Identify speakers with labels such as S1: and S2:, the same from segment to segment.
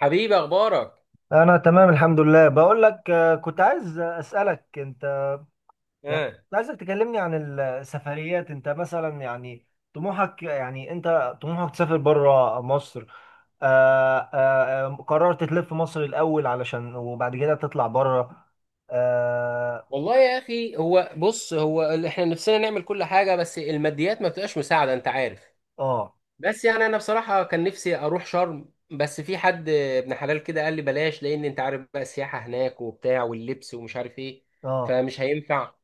S1: حبيبي اخبارك؟
S2: انا تمام الحمد لله بقول لك كنت عايز اسالك انت.
S1: اه.
S2: كنت عايزك تكلمني عن السفريات، انت مثلا يعني طموحك، يعني انت طموحك تسافر بره مصر. قررت تلف مصر الاول علشان وبعد كده تطلع بره. اه
S1: والله يا اخي، هو بص، احنا نفسنا نعمل كل حاجه، بس الماديات ما بتبقاش مساعده، انت عارف.
S2: اه
S1: بس يعني انا بصراحه كان نفسي اروح شرم، بس في حد ابن حلال كده قال لي بلاش، لان انت عارف بقى السياحه هناك وبتاع واللبس ومش عارف ايه،
S2: آه،
S1: فمش هينفع.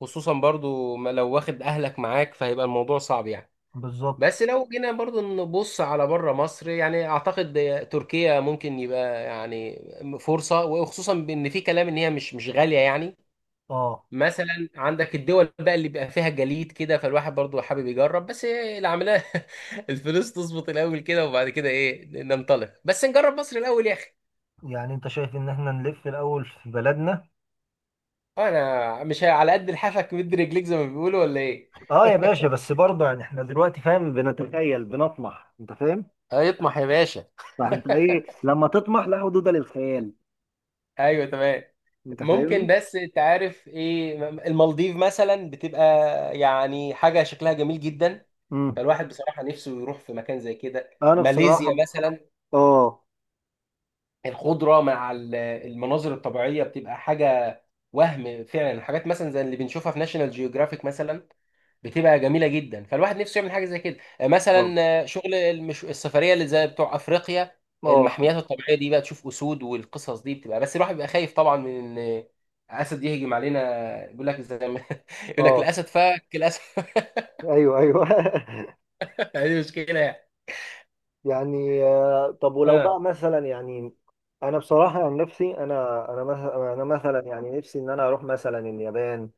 S1: خصوصا برضو ما لو واخد اهلك معاك فهيبقى الموضوع صعب يعني.
S2: بالظبط.
S1: بس لو جينا برضو نبص على بره مصر، يعني اعتقد تركيا ممكن يبقى يعني فرصه، وخصوصا بان في كلام ان هي مش غاليه يعني.
S2: اه،
S1: مثلا عندك الدول بقى اللي بيبقى فيها جليد كده، فالواحد برضو حابب يجرب، بس إيه العمليه. الفلوس تظبط الاول كده، وبعد كده ايه ننطلق، بس نجرب مصر الاول يا اخي.
S2: يعني انت شايف ان احنا نلف الاول في بلدنا.
S1: انا مش على قد لحافك مد رجليك زي ما بيقولوا، ولا ايه؟
S2: اه يا باشا، بس برضه يعني احنا دلوقتي فاهم، بنتخيل بنطمح، انت فاهم.
S1: هيطمح يا باشا.
S2: فانت ايه لما تطمح، لا حدود للخيال.
S1: ايوه تمام.
S2: انت
S1: ممكن،
S2: فاهمني.
S1: بس انت عارف ايه، المالديف مثلا بتبقى يعني حاجه شكلها جميل جدا،
S2: امم
S1: فالواحد بصراحه نفسه يروح في مكان زي كده.
S2: انا
S1: ماليزيا
S2: بصراحه.
S1: مثلا،
S2: اه
S1: الخضره مع المناظر الطبيعيه بتبقى حاجه، وهم فعلا الحاجات مثلا زي اللي بنشوفها في ناشونال جيوغرافيك مثلا بتبقى جميله جدا، فالواحد نفسه يعمل حاجه زي كده
S2: اه
S1: مثلا. شغل السفريه اللي زي بتوع افريقيا،
S2: اه
S1: المحميات الطبيعيه دي بقى، تشوف اسود والقصص دي بتبقى، بس الواحد بيبقى خايف طبعا من ان اسد يهجم علينا، بيقول لك زي ما يقول لك
S2: اه
S1: الاسد فك الاسد.
S2: ايوه ايوه
S1: دي مشكله يعني.
S2: طب ولو
S1: اه.
S2: بقى مثلا انا بصراحه عن نفسي انا مثلا انا مثلا يعني نفسي ان انا اروح مثلا اليابان،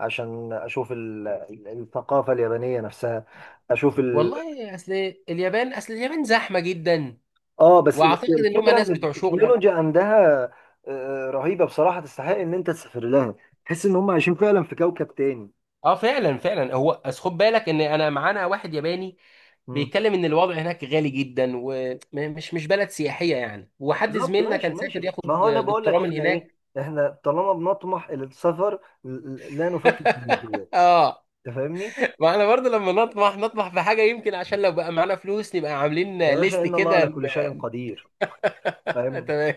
S2: عشان اشوف الثقافه اليابانيه نفسها، اشوف
S1: والله اصل اليابان، اصل اليابان زحمه جدا،
S2: اه. بس
S1: واعتقد ان هم
S2: الفكره
S1: ناس
S2: ان
S1: بتوع شغل.
S2: التكنولوجيا عندها رهيبه بصراحه، تستحق ان انت تسافر لها. تحس ان هم عايشين فعلا في كوكب تاني.
S1: اه فعلا فعلا، هو أصل خد بالك ان انا معانا واحد ياباني
S2: مم.
S1: بيتكلم ان الوضع هناك غالي جدا، ومش مش بلد سياحيه يعني، وحد
S2: بالظبط،
S1: زميلنا
S2: ماشي
S1: كان
S2: ماشي.
S1: سافر
S2: ما
S1: ياخد
S2: هو انا بقول
S1: دكتوراه
S2: لك
S1: من
S2: احنا ايه،
S1: هناك.
S2: احنا طالما بنطمح الى السفر لا نفكر في الماديات.
S1: اه.
S2: انت فاهمني.
S1: ما احنا برضه لما نطمح نطمح في حاجه، يمكن عشان لو بقى معانا فلوس نبقى عاملين
S2: يا باشا
S1: ليست
S2: ان الله
S1: كده.
S2: على كل شيء قدير. فاهم.
S1: تمام.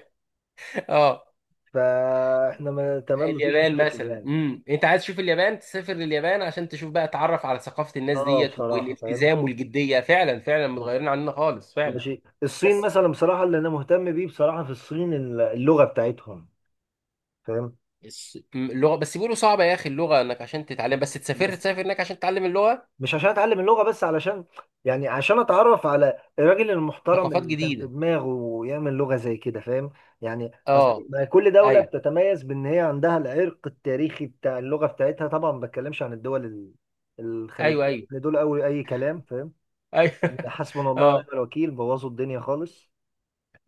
S1: اه.
S2: فاحنا ما تمام، مفيش
S1: اليابان
S2: مشاكل
S1: مثلا،
S2: يعني.
S1: انت عايز تشوف اليابان، تسافر لليابان عشان تشوف بقى، تعرف على ثقافه الناس
S2: اه
S1: ديت
S2: بصراحه، فاهم.
S1: والالتزام والجديه، فعلا فعلا
S2: مم.
S1: متغيرين عننا خالص فعلا.
S2: ماشي. الصين
S1: بس
S2: مثلا بصراحه، اللي انا مهتم بيه بصراحه في الصين اللغه بتاعتهم. فاهم.
S1: اللغه بس بيقولوا صعبه يا اخي، اللغه انك عشان تتعلم، بس تسافر
S2: بس
S1: تسافر هناك عشان تتعلم اللغه.
S2: مش عشان اتعلم اللغه بس، علشان يعني عشان اتعرف على الراجل المحترم
S1: ثقافات
S2: اللي كان في
S1: جديده.
S2: دماغه ويعمل لغه زي كده. فاهم. يعني أصل
S1: اه.
S2: ما كل دوله
S1: ايوه
S2: بتتميز بان هي عندها العرق التاريخي بتاع اللغه بتاعتها، طبعا ما بتكلمش عن الدول
S1: ايوه
S2: الخليجيه
S1: ايوه.
S2: ان دول اول اي كلام. فاهم.
S1: ايوه.
S2: يعني حسبنا الله ونعم
S1: اه،
S2: الوكيل، بوظوا الدنيا خالص.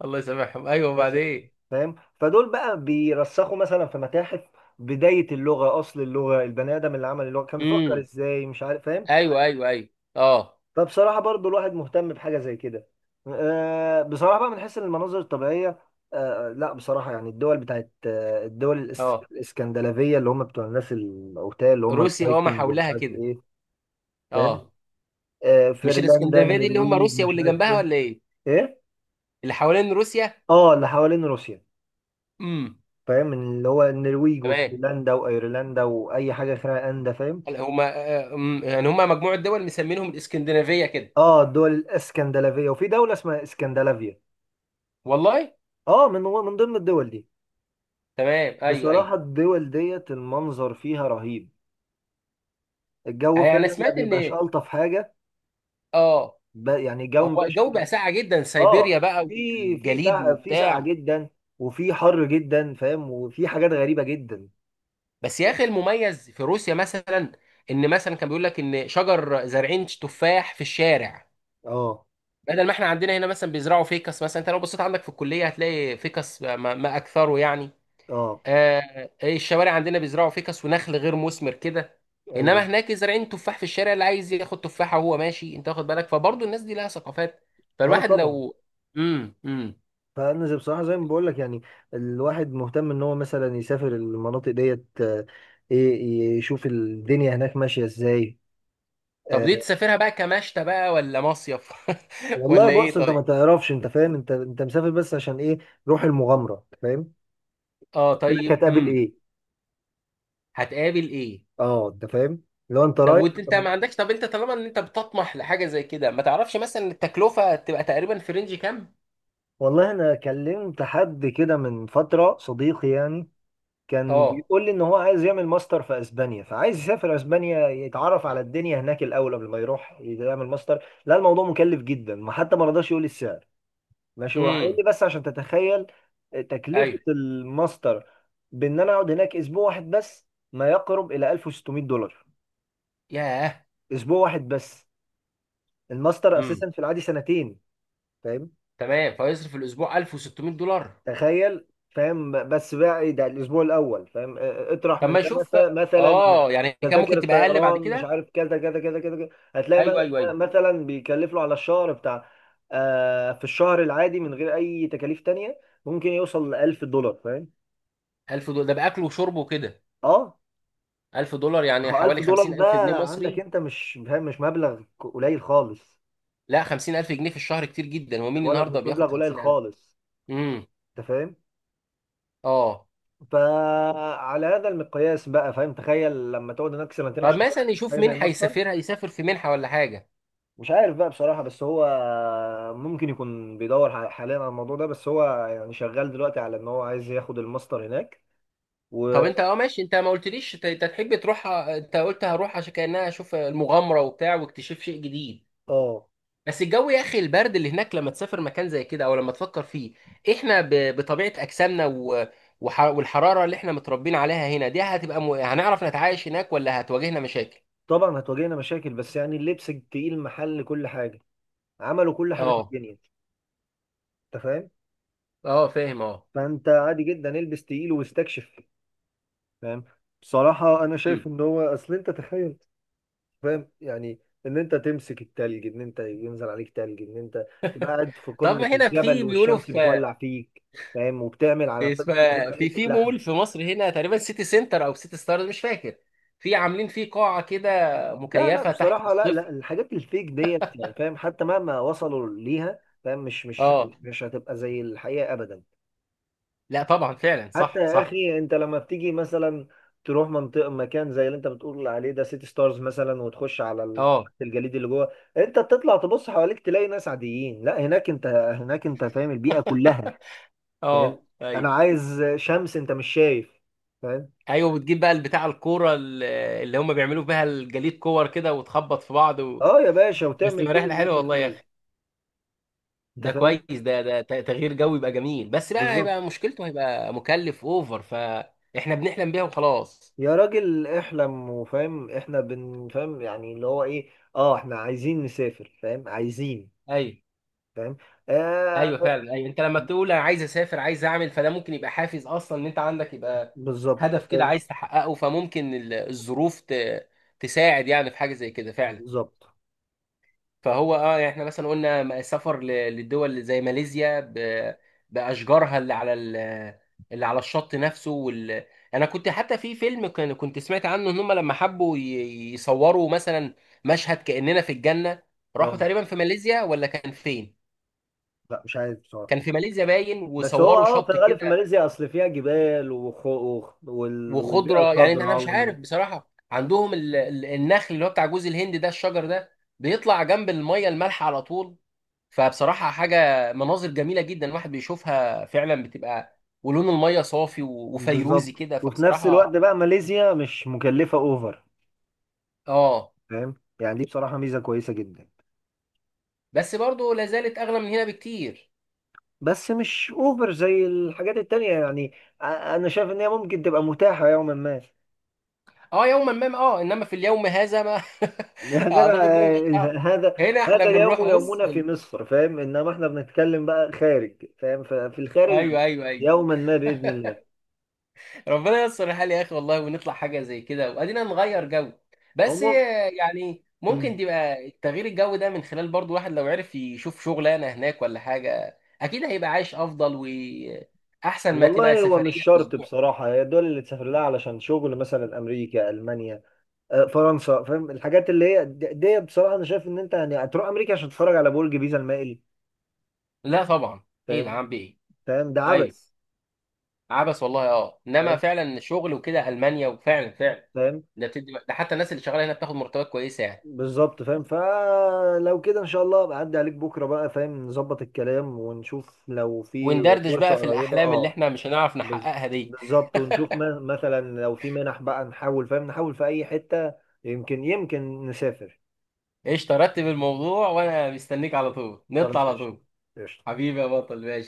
S1: الله يسامحهم، ايوه
S2: بس
S1: وبعدين.
S2: فاهم. فدول بقى بيرسخوا مثلا في متاحف، بدايه اللغه، اصل اللغه البني ادم اللي عمل اللغه كان بيفكر
S1: امم
S2: ازاي، مش عارف. فاهم.
S1: ايوه ايوه ايوه. اه.
S2: فبصراحة برضو الواحد مهتم بحاجة زي كده. بصراحة بقى من حيث المناظر الطبيعية. لا بصراحة، يعني الدول بتاعت الدول
S1: اه،
S2: الاسكندنافية، اللي هم بتوع الناس الأوتال، اللي هم
S1: روسيا وما
S2: الفايكنج ومش
S1: حولها
S2: عارف
S1: كده.
S2: ايه. فاهم.
S1: اه. مش
S2: فنلندا،
S1: الاسكندنافيه دي اللي هم
S2: النرويج،
S1: روسيا
S2: مش
S1: واللي
S2: عارف
S1: جنبها،
S2: ايه.
S1: ولا ايه؟
S2: ايه.
S1: اللي حوالين روسيا.
S2: اه اللي حوالين روسيا.
S1: امم
S2: فاهم. اللي هو النرويج
S1: تمام.
S2: وفنلندا وايرلندا واي حاجة فيها اندا. فاهم.
S1: هم، يعني هم مجموعه دول مسمينهم الاسكندنافيه كده.
S2: اه الدول الاسكندنافية وفي دولة اسمها اسكندنافيا.
S1: والله.
S2: اه من ضمن الدول دي.
S1: تمام، ايوه ايوه.
S2: بصراحة الدول ديت المنظر فيها رهيب، الجو
S1: يعني انا
S2: فعلا ما
S1: سمعت
S2: بيبقاش
S1: ان
S2: ألطف حاجة.
S1: اه،
S2: يعني الجو ما
S1: هو
S2: بيبقاش.
S1: الجو بقى ساقع جدا، سيبيريا
S2: اه.
S1: بقى والجليد
S2: في سقعة
S1: وبتاع.
S2: جدا، وفي حر جدا، فاهم، وفي حاجات غريبة جدا.
S1: بس يا اخي المميز في روسيا مثلا، ان مثلا كان بيقول لك ان شجر زارعين تفاح في الشارع،
S2: اه
S1: بدل ما احنا عندنا هنا مثلا بيزرعوا فيكس، مثلا انت لو بصيت عندك في الكليه هتلاقي فيكس ما اكثره يعني.
S2: اه
S1: آه إيه، الشوارع عندنا بيزرعوا فيكس ونخل غير مثمر كده،
S2: ايوه.
S1: انما هناك زارعين تفاح في الشارع، اللي عايز ياخد تفاحه وهو ماشي، انت واخد بالك، فبرضه الناس دي لها ثقافات.
S2: اه
S1: فالواحد
S2: طبعا.
S1: لو، امم امم
S2: فانا بصراحه زي ما بقول لك يعني، الواحد مهتم ان هو مثلا يسافر المناطق ديت. يشوف الدنيا هناك ماشيه ازاي.
S1: طب
S2: آه،
S1: دي تسافرها بقى كمشتى بقى، ولا مصيف؟
S2: والله
S1: ولا
S2: بص
S1: ايه؟
S2: انت
S1: طيب.
S2: ما تعرفش، انت فاهم، انت مسافر بس عشان ايه؟ روح المغامره. فاهم.
S1: اه
S2: هناك
S1: طيب.
S2: هتقابل ايه.
S1: هتقابل ايه؟
S2: اه انت فاهم. لو انت
S1: طب
S2: رايح
S1: وانت انت
S2: طب.
S1: ما عندكش، طب انت طالما ان انت بتطمح لحاجه زي كده، ما تعرفش مثلا التكلفه تبقى تقريبا في رينج كام؟
S2: والله انا كلمت حد كده من فتره، صديقي يعني، كان
S1: اه.
S2: بيقول لي ان هو عايز يعمل ماستر في اسبانيا، فعايز يسافر اسبانيا يتعرف على الدنيا هناك الاول قبل ما يروح يعمل ماستر. لا الموضوع مكلف جدا ما حتى ما رضاش يقول لي السعر. ماشي. وراح قال
S1: امم
S2: لي بس عشان تتخيل تكلفه
S1: ايوه.
S2: الماستر، بان انا اقعد هناك اسبوع واحد بس، ما يقرب الى 1600 دولار.
S1: ياه.
S2: اسبوع واحد بس. الماستر
S1: امم
S2: اساسا في العادي سنتين. فاهمني؟
S1: تمام، فيصرف في الاسبوع $1600؟
S2: تخيل. فاهم. بس بقى ايه ده، الاسبوع الاول. فاهم اطرح
S1: طب
S2: من
S1: ما
S2: ده
S1: يشوف.
S2: مثلا
S1: اه، يعني كان
S2: تذاكر
S1: ممكن تبقى اقل بعد
S2: الطيران، مش
S1: كده.
S2: عارف كذا كذا كذا كذا كذا. هتلاقي
S1: ايوه ايوه ايوه.
S2: مثلا بيكلف له على الشهر بتاع، آه في الشهر العادي من غير اي تكاليف تانية ممكن يوصل ل 1000 دولار. فاهم.
S1: $1000 ده باكل وشرب وكده؟
S2: اه
S1: $1000
S2: ما
S1: يعني
S2: هو
S1: حوالي
S2: 1000 دولار
S1: 50,000 جنيه
S2: ده عندك،
S1: مصري.
S2: انت مش فاهم، مش مبلغ قليل خالص.
S1: لا 50,000 جنيه في الشهر كتير جدا،
S2: أنا
S1: ومين
S2: بقول لك
S1: النهارده
S2: مش
S1: بياخد
S2: مبلغ قليل
S1: 50,000؟
S2: خالص.
S1: امم
S2: انت فاهم.
S1: اه.
S2: فعلى هذا المقياس بقى فاهم، تخيل لما تقعد هناك سنتين
S1: طب
S2: عشان تاخد
S1: مثلا يشوف
S2: حاجه زي
S1: منحه،
S2: الماستر.
S1: يسافرها يسافر في منحه ولا حاجه.
S2: مش عارف بقى بصراحة، بس هو ممكن يكون بيدور حاليا على الموضوع ده، بس هو يعني شغال دلوقتي على ان هو عايز ياخد الماستر هناك
S1: طب
S2: و.
S1: انت اه ماشي، انت ما قلتليش انت، انت تحب تروح، انت قلت هروح عشان كأنها اشوف المغامرة وبتاع واكتشاف شيء جديد،
S2: اه
S1: بس الجو يا اخي، البرد اللي هناك لما تسافر مكان زي كده، او لما تفكر فيه، احنا بطبيعة اجسامنا والحرارة اللي احنا متربيين عليها هنا دي هتبقى هنعرف نتعايش هناك، ولا هتواجهنا مشاكل؟
S2: طبعا هتواجهنا مشاكل، بس يعني اللبس التقيل محل كل حاجة، عملوا كل حاجة في
S1: اه.
S2: الدنيا. انت فاهم.
S1: اه فاهم اه.
S2: فانت عادي جدا البس تقيل واستكشف. فاهم. بصراحة انا شايف
S1: مم.
S2: ان هو اصل انت تخيل، فاهم يعني، ان انت تمسك التلج، ان انت ينزل عليك تلج، ان انت تبقى قاعد في
S1: طب
S2: قمة
S1: هنا
S2: الجبل
S1: في بيقولوا،
S2: والشمس
S1: في
S2: بتولع فيك، فاهم، وبتعمل على قمة الجبل
S1: في
S2: حتة
S1: في
S2: لحم.
S1: مول في مصر هنا تقريبا، سيتي سنتر او سيتي ستارز مش فاكر، في عاملين فيه قاعة كده
S2: لا لا
S1: مكيفة تحت
S2: بصراحة، لا لا،
S1: الصفر.
S2: الحاجات الفيك ديت يعني فاهم، حتى مهما وصلوا ليها فاهم،
S1: اه.
S2: مش هتبقى زي الحقيقة ابدا.
S1: لا طبعا، فعلا
S2: حتى
S1: صح
S2: يا
S1: صح.
S2: اخي انت لما بتيجي مثلا تروح منطقه مكان زي اللي انت بتقول عليه ده سيتي ستارز مثلا وتخش على
S1: اه.
S2: الجليد اللي جوه، انت بتطلع تبص حواليك تلاقي ناس عاديين، لا هناك انت، هناك انت فاهم البيئه كلها. فاهم.
S1: اه ايوه
S2: انا عايز شمس، انت مش شايف. فاهم.
S1: ايوه. بتجيب بقى البتاع الكوره اللي هم بيعملوا بيها الجليد كور كده، وتخبط في بعض
S2: اه يا باشا،
S1: بس
S2: وتعمل
S1: تبقى
S2: كل
S1: رحله
S2: اللي
S1: حلوه
S2: نفسك
S1: والله يا
S2: فيه.
S1: اخي.
S2: انت
S1: ده كويس،
S2: فاهم.
S1: ده ده تغيير جو يبقى جميل، بس لا
S2: بالظبط.
S1: هيبقى مشكلته هيبقى مكلف اوفر، فاحنا بنحلم بيها وخلاص.
S2: يا راجل احلم، وفاهم احنا بن فاهم يعني اللي هو ايه، اه احنا عايزين نسافر، فاهم، عايزين.
S1: ايوه.
S2: فاهم.
S1: ايوه
S2: آه.
S1: فعلا، ايوه انت لما تقول انا عايز اسافر، عايز اعمل، فده ممكن يبقى حافز اصلا، ان انت عندك يبقى
S2: بالظبط.
S1: هدف كده عايز تحققه، فممكن الظروف تساعد يعني في حاجه زي كده فعلا.
S2: بالظبط.
S1: فهو اه، يعني احنا مثلا قلنا سفر للدول زي ماليزيا باشجارها اللي على اللي على الشط نفسه انا كنت حتى في كنت سمعت عنه ان هم لما حبوا يصوروا مثلا مشهد كاننا في الجنه، راحوا
S2: اه.
S1: تقريبا في ماليزيا ولا كان فين،
S2: لا مش عارف بصراحه.
S1: كان في ماليزيا باين،
S2: بس هو
S1: وصوروا
S2: اه في
S1: شط
S2: الغالب في
S1: كده
S2: ماليزيا اصل فيها جبال والبيئه
S1: وخضره. يعني انا
S2: الخضراء
S1: مش عارف بصراحه، عندهم النخل اللي هو بتاع جوز الهند ده، الشجر ده بيطلع جنب الميه المالحه على طول، فبصراحة حاجة مناظر جميلة جدا الواحد بيشوفها فعلا، بتبقى ولون المية صافي وفيروزي
S2: بالظبط.
S1: كده،
S2: وفي نفس الوقت
S1: فبصراحة
S2: بقى ماليزيا مش مكلفه اوفر.
S1: اه.
S2: فاهم. يعني دي بصراحه ميزه كويسه جدا.
S1: بس برضه لا زالت أغلى من هنا بكتير.
S2: بس مش اوفر زي الحاجات التانية يعني. انا شايف ان هي ممكن تبقى متاحه يوما ما.
S1: اه يوما ما، اه، انما في اليوم هذا ما،
S2: يا جدع
S1: اعتقد ان مش.
S2: هذا
S1: هنا احنا بنروح
S2: اليوم
S1: بص
S2: يومنا
S1: في
S2: في مصر فاهم، انما احنا بنتكلم بقى خارج، فاهم، ففي الخارج
S1: ايوه ايوه ايوه.
S2: يوما ما باذن الله.
S1: ربنا ييسر الحال يا اخي والله، ونطلع حاجه زي كده، وادينا نغير جو. بس
S2: عموما.
S1: يعني ممكن
S2: مم.
S1: تبقى تغيير الجو ده من خلال برضو، واحد لو عرف يشوف شغلانه هناك ولا حاجه، اكيد هيبقى عايش افضل واحسن ما تبقى
S2: والله هو مش
S1: سفريه
S2: شرط
S1: اسبوع.
S2: بصراحة، هي الدول اللي تسافر لها علشان شغل مثلا أمريكا، ألمانيا، فرنسا، فاهم، الحاجات اللي هي دي بصراحة أنا شايف إن أنت يعني هتروح أمريكا عشان تتفرج على برج بيزا المائل.
S1: لا طبعا. ايه ده
S2: فاهم.
S1: عم بايه؟
S2: فاهم ده
S1: ايوه،
S2: عبث.
S1: عبس والله. اه انما
S2: فاهم.
S1: فعلا الشغل وكده، المانيا، وفعلا فعلا
S2: فاهم.
S1: ده بتدي، ده حتى الناس اللي شغاله هنا بتاخد مرتبات كويسه يعني.
S2: بالظبط. فاهم. فلو كده إن شاء الله بعدي عليك بكرة بقى فاهم نظبط الكلام ونشوف لو في
S1: وندردش
S2: فرصة
S1: بقى في
S2: قريبة،
S1: الاحلام اللي
S2: أه.
S1: احنا مش هنعرف
S2: بز-
S1: نحققها دي.
S2: بالظبط. ونشوف مثلا لو في منح بقى نحاول فاهم نحاول في أي حتة. يمكن يمكن نسافر.
S1: ايش ترتب الموضوع وانا مستنيك، على طول نطلع
S2: خلاص
S1: على
S2: قشطة.
S1: طول.
S2: قشطة.
S1: حبيبي يا بطل، ماشي.